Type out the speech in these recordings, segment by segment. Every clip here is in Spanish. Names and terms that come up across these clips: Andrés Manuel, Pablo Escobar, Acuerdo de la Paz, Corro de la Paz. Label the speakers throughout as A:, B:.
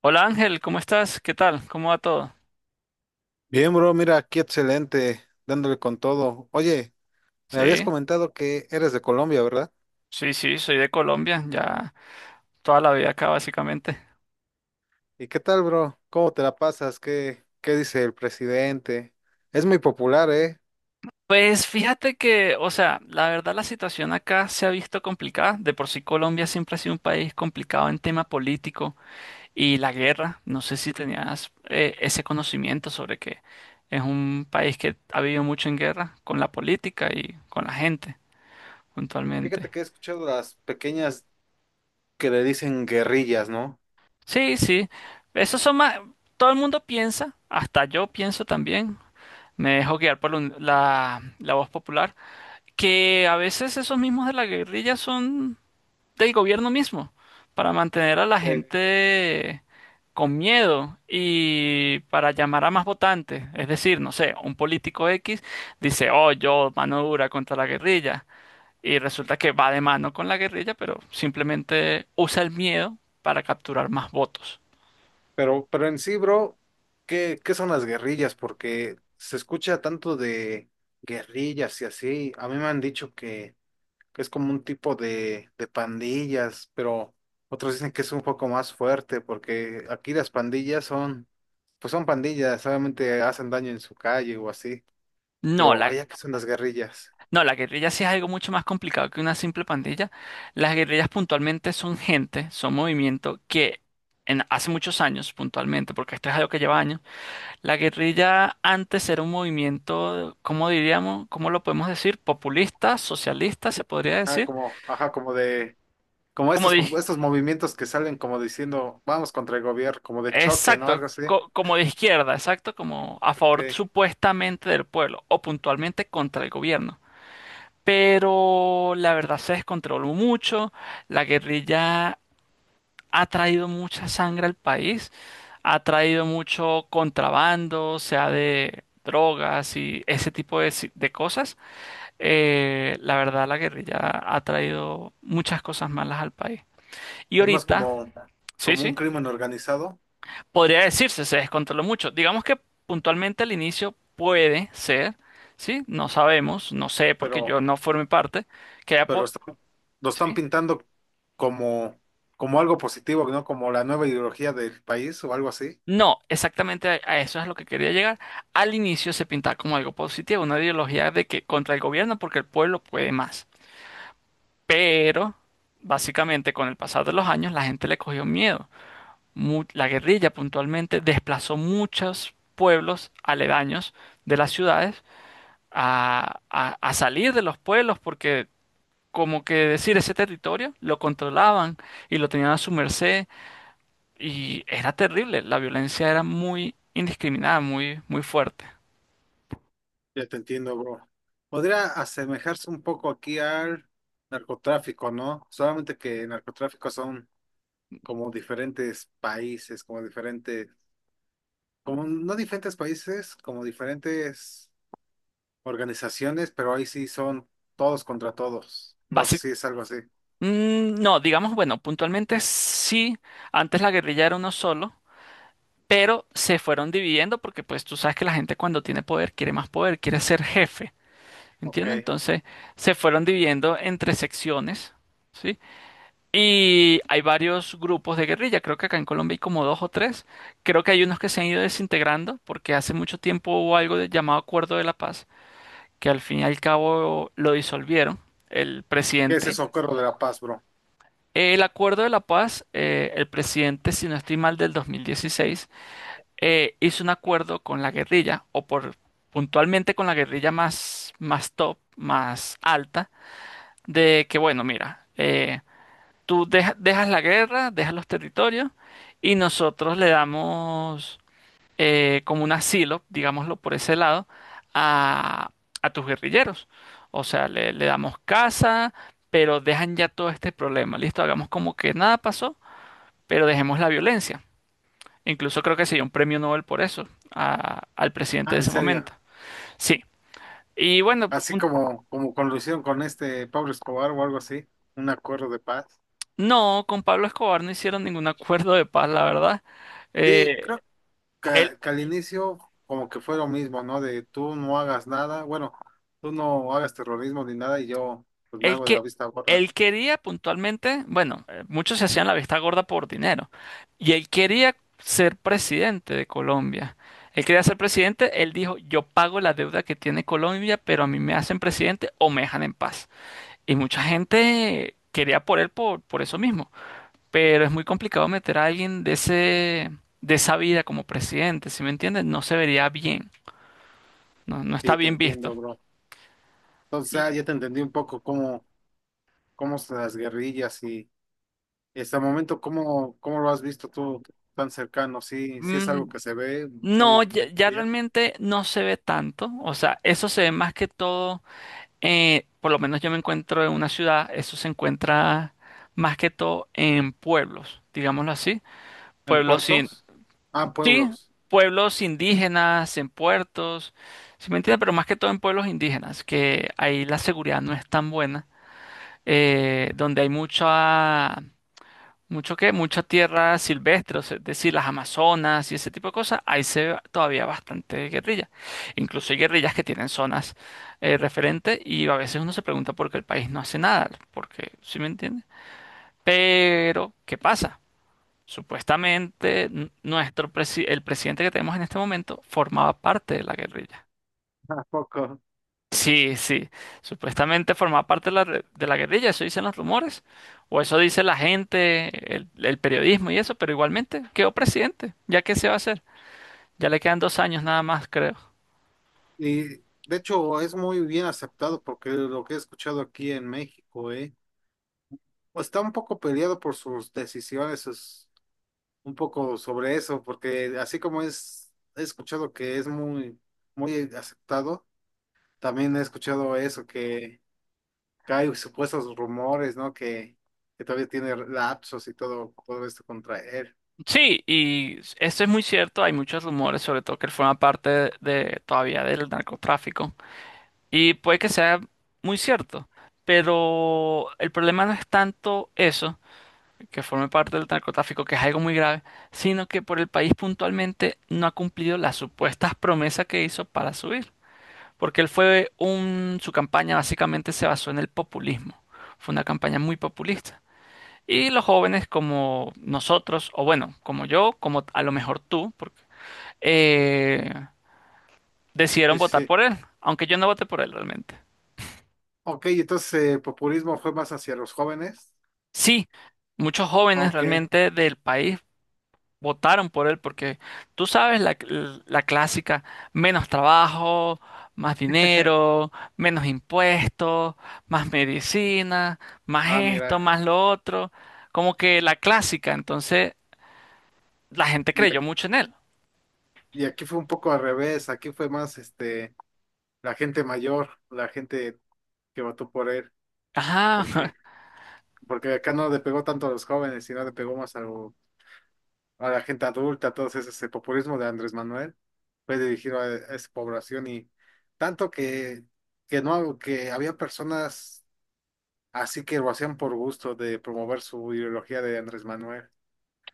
A: Hola Ángel, ¿cómo estás? ¿Qué tal? ¿Cómo va todo?
B: Bien, bro, mira, aquí excelente, dándole con todo. Oye, me habías
A: Sí,
B: comentado que eres de Colombia, ¿verdad?
A: sí, sí, soy de Colombia, ya toda la vida acá básicamente.
B: ¿Y qué tal, bro? ¿Cómo te la pasas? ¿Qué dice el presidente? Es muy popular, ¿eh?
A: Pues fíjate que, o sea, la verdad la situación acá se ha visto complicada. De por sí Colombia siempre ha sido un país complicado en tema político y la guerra. No sé si tenías ese conocimiento sobre que es un país que ha vivido mucho en guerra con la política y con la gente,
B: Fíjate
A: puntualmente.
B: que he escuchado las pequeñas que le dicen guerrillas, ¿no?
A: Sí, sí, esos son más. Todo el mundo piensa, hasta yo pienso también. Me dejo guiar por la voz popular, que a veces esos mismos de la guerrilla son del gobierno mismo, para mantener a la
B: Eh,
A: gente con miedo y para llamar a más votantes. Es decir, no sé, un político X dice, oh, yo mano dura contra la guerrilla, y resulta que va de mano con la guerrilla, pero simplemente usa el miedo para capturar más votos.
B: pero en sí, bro, ¿qué son las guerrillas? Porque se escucha tanto de guerrillas y así. A mí me han dicho que es como un tipo de pandillas, pero otros dicen que es un poco más fuerte porque aquí las pandillas son, pues son pandillas, solamente hacen daño en su calle o así,
A: No,
B: pero
A: la,
B: allá que son las guerrillas.
A: No, la guerrilla sí es algo mucho más complicado que una simple pandilla. Las guerrillas puntualmente son gente, son movimiento que hace muchos años puntualmente, porque esto es algo que lleva años, la guerrilla antes era un movimiento. ¿Cómo diríamos? ¿Cómo lo podemos decir? Populista, socialista, se podría
B: Ah,
A: decir.
B: como, ajá, como de, como
A: Como
B: estos,
A: de,
B: estos movimientos que salen como diciendo, vamos contra el gobierno, como de choque, ¿no?
A: exacto,
B: Algo así,
A: como de izquierda, exacto, como a favor
B: que
A: supuestamente del pueblo o puntualmente contra el gobierno. Pero la verdad se descontroló mucho. La guerrilla ha traído mucha sangre al país, ha traído mucho contrabando, sea de drogas y ese tipo de, de cosas. La verdad, la guerrilla ha traído muchas cosas malas al país. Y
B: es más
A: ahorita,
B: como,
A: sí,
B: como un
A: sí,
B: crimen organizado,
A: podría decirse, se descontroló mucho. Digamos que puntualmente al inicio puede ser, sí, no sabemos, no sé, porque
B: pero
A: yo no formé parte, que haya...
B: pero lo están, lo están
A: sí.
B: pintando como, como algo positivo, ¿no? Como la nueva ideología del país o algo así.
A: No, exactamente a eso es lo que quería llegar. Al inicio se pintaba como algo positivo, una ideología de que contra el gobierno porque el pueblo puede más. Pero, básicamente, con el pasar de los años, la gente le cogió miedo. La guerrilla puntualmente desplazó muchos pueblos aledaños de las ciudades a salir de los pueblos porque, como que decir, ese territorio lo controlaban y lo tenían a su merced. Y era terrible, la violencia era muy indiscriminada, muy, muy fuerte.
B: Ya te entiendo, bro. Podría asemejarse un poco aquí al narcotráfico, ¿no? Solamente que el narcotráfico son como diferentes países, como diferentes, como no diferentes países, como diferentes organizaciones, pero ahí sí son todos contra todos. No
A: Basi-
B: sé si es algo así.
A: No, digamos, bueno, puntualmente sí, antes la guerrilla era uno solo, pero se fueron dividiendo porque pues tú sabes que la gente cuando tiene poder quiere más poder, quiere ser jefe.
B: Ok.
A: ¿Entiendes?
B: ¿Qué
A: Entonces se fueron dividiendo entre secciones, ¿sí? Y hay varios grupos de guerrilla, creo que acá en Colombia hay como dos o tres, creo que hay unos que se han ido desintegrando porque hace mucho tiempo hubo algo llamado Acuerdo de la Paz que al fin y al cabo lo disolvieron, el
B: es
A: presidente.
B: eso, Corro de la Paz, bro?
A: El acuerdo de la paz, el presidente, si no estoy mal, del 2016, hizo un acuerdo con la guerrilla, o por puntualmente con la guerrilla más, más top, más alta, de que, bueno, mira, tú dejas la guerra, dejas los territorios, y nosotros le damos como un asilo, digámoslo por ese lado, a, a tus guerrilleros. O sea, le damos casa, pero dejan ya todo este problema. Listo, hagamos como que nada pasó, pero dejemos la violencia. Incluso creo que se dio un premio Nobel por eso al presidente
B: Ah,
A: de
B: ¿en
A: ese
B: serio?
A: momento. Sí. Y bueno,
B: Así
A: un-
B: como, como con lo hicieron con este Pablo Escobar o algo así, un acuerdo de paz.
A: no, con Pablo Escobar no hicieron ningún acuerdo de paz, la verdad.
B: Sí,
A: Eh,
B: creo
A: él.
B: que, que al inicio como que fue lo mismo, ¿no? De tú no hagas nada, bueno, tú no hagas terrorismo ni nada y yo pues me
A: Él
B: hago de la
A: que
B: vista gorda.
A: él quería puntualmente, bueno, muchos se hacían la vista gorda por dinero, y él quería ser presidente de Colombia. Él quería ser presidente, él dijo, yo pago la deuda que tiene Colombia, pero a mí me hacen presidente o me dejan en paz. Y mucha gente quería por él por eso mismo, pero es muy complicado meter a alguien de ese, de esa vida como presidente. ¿Sí me entiendes? No se vería bien, no, no está
B: Sí, te
A: bien visto.
B: entiendo, bro. Entonces
A: Y,
B: ah, ya te entendí un poco cómo, cómo son las guerrillas y hasta el momento cómo, cómo lo has visto tú tan cercano. Sí, sí es
A: mm,
B: algo que se ve
A: No,
B: muy
A: ya, ya realmente no se ve tanto. O sea, eso se ve más que todo, por lo menos yo me encuentro en una ciudad, eso se encuentra más que todo en pueblos, digámoslo así.
B: en
A: Pueblos sin,
B: puertos. Ah, en
A: sí,
B: pueblos.
A: pueblos indígenas, en puertos. ¿Sí, me entiendes? Pero más que todo en pueblos indígenas, que ahí la seguridad no es tan buena, donde hay mucha mucha tierra silvestre, o sea, es decir, las Amazonas y ese tipo de cosas, ahí se ve todavía bastante guerrilla. Incluso hay guerrillas que tienen zonas referentes y a veces uno se pregunta por qué el país no hace nada, porque, ¿sí me entiende? Pero, ¿qué pasa? Supuestamente el presidente que tenemos en este momento formaba parte de la guerrilla.
B: ¿A poco?
A: Sí, sí. Supuestamente formaba parte de la, de la guerrilla, eso dicen los rumores. O eso dice la gente, el periodismo y eso, pero igualmente quedó presidente. ¿Ya qué se va a hacer? Ya le quedan dos años nada más, creo.
B: Y de hecho es muy bien aceptado porque lo que he escuchado aquí en México, pues, está un poco peleado por sus decisiones, sus- un poco sobre eso, porque así como es, he escuchado que es muy, muy aceptado, también he escuchado eso, que hay supuestos rumores, ¿no? Que todavía tiene lapsos y todo, todo esto contra él.
A: Sí, y esto es muy cierto, hay muchos rumores, sobre todo que él forma parte de, todavía del narcotráfico, y puede que sea muy cierto, pero el problema no es tanto eso, que forme parte del narcotráfico, que es algo muy grave, sino que por el país puntualmente no ha cumplido las supuestas promesas que hizo para subir. Porque él fue un, su campaña básicamente se basó en el populismo. Fue una campaña muy populista. Y los jóvenes como nosotros, o bueno, como yo, como a lo mejor tú, porque, eh, decidieron
B: Sí, sí,
A: votar
B: sí.
A: por él, aunque yo no voté por él realmente.
B: Ok, entonces el populismo fue más hacia los jóvenes.
A: Sí, muchos jóvenes
B: Ok.
A: realmente del país votaron por él porque tú sabes la, la clásica, menos trabajo, más dinero, menos impuestos, más medicina, más
B: Ah,
A: esto,
B: mira.
A: más lo otro, como que la clásica, entonces la gente
B: Y
A: creyó mucho en él.
B: Y aquí fue un poco al revés, aquí fue más este la gente mayor, la gente que votó por él,
A: Ajá,
B: porque, porque acá no le pegó tanto a los jóvenes, sino le pegó más a, lo- a la gente adulta, todo ese, ese populismo de Andrés Manuel, fue dirigido a esa población y tanto que no, que había personas así que lo hacían por gusto de promover su ideología de Andrés Manuel.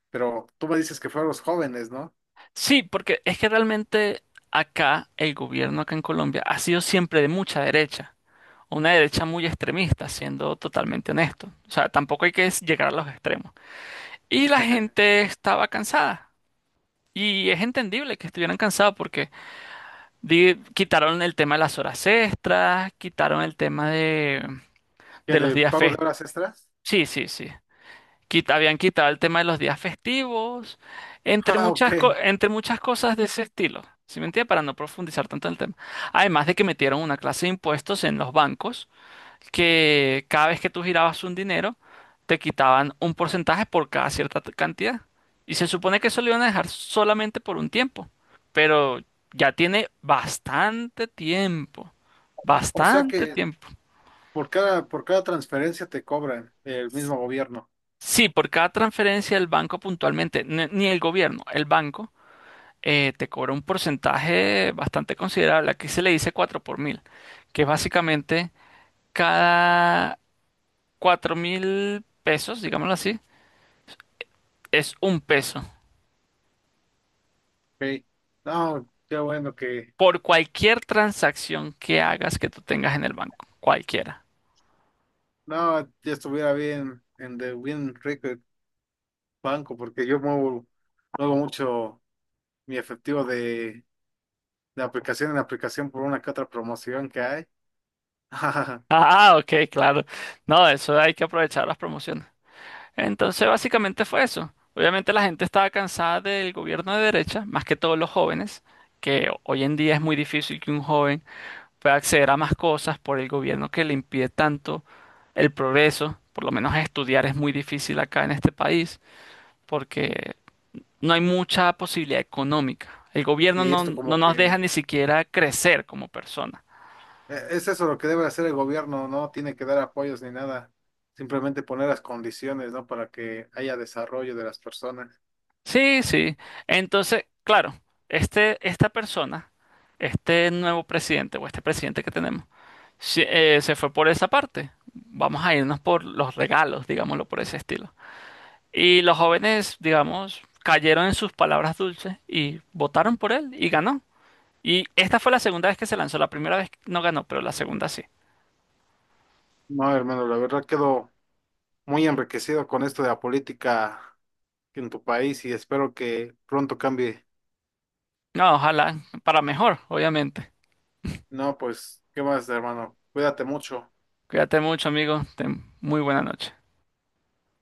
B: Pero tú me dices que fue a los jóvenes, ¿no?
A: sí, porque es que realmente acá el gobierno acá en Colombia ha sido siempre de mucha derecha, una derecha muy extremista, siendo totalmente honesto. O sea, tampoco hay que llegar a los extremos. Y la gente estaba cansada. Y es entendible que estuvieran cansados porque quitaron el tema de las horas extras, quitaron el tema
B: ¿Que
A: de los
B: de
A: días
B: pago de
A: festivos.
B: horas extras?
A: Sí, sí, sí. Habían quitado el tema de los días festivos, entre
B: Ah, ok.
A: muchas, entre muchas cosas de ese estilo. ¿Sí me entiendes? Para no profundizar tanto en el tema. Además de que metieron una clase de impuestos en los bancos que cada vez que tú girabas un dinero, te quitaban un porcentaje por cada cierta cantidad. Y se supone que eso lo iban a dejar solamente por un tiempo. Pero ya tiene bastante tiempo.
B: O sea
A: Bastante
B: que
A: tiempo.
B: por cada, por cada transferencia te cobran el mismo gobierno.
A: Sí, por cada transferencia el banco puntualmente, ni el gobierno, el banco, te cobra un porcentaje bastante considerable. Aquí se le dice 4 por 1000, que es básicamente cada 4000 pesos, digámoslo así, es un peso.
B: Ok. No, qué bueno que
A: Por cualquier transacción que hagas que tú tengas en el banco, cualquiera.
B: no, ya estuviera bien en de Bien Rico el Banco, porque yo muevo, muevo mucho mi efectivo de aplicación en aplicación por una que otra promoción que hay.
A: Ah, ok, claro. No, eso hay que aprovechar las promociones. Entonces, básicamente fue eso. Obviamente la gente estaba cansada del gobierno de derecha, más que todos los jóvenes, que hoy en día es muy difícil que un joven pueda acceder a más cosas por el gobierno que le impide tanto el progreso. Por lo menos estudiar es muy difícil acá en este país, porque no hay mucha posibilidad económica. El gobierno
B: Y
A: no,
B: esto
A: no
B: como
A: nos deja
B: que
A: ni siquiera crecer como persona.
B: es eso lo que debe hacer el gobierno, no tiene que dar apoyos ni nada, simplemente poner las condiciones, ¿no? Para que haya desarrollo de las personas.
A: Sí, sí. Entonces, claro, este, esta persona, este nuevo presidente o este presidente que tenemos, se fue por esa parte. Vamos a irnos por los regalos, digámoslo por ese estilo. Y los jóvenes, digamos, cayeron en sus palabras dulces y votaron por él y ganó. Y esta fue la segunda vez que se lanzó. La primera vez no ganó, pero la segunda sí.
B: No, hermano, la verdad quedo muy enriquecido con esto de la política en tu país y espero que pronto cambie.
A: No, ojalá para mejor, obviamente.
B: No, pues, ¿qué más, hermano? Cuídate mucho.
A: Cuídate mucho, amigo. Ten muy buena noche.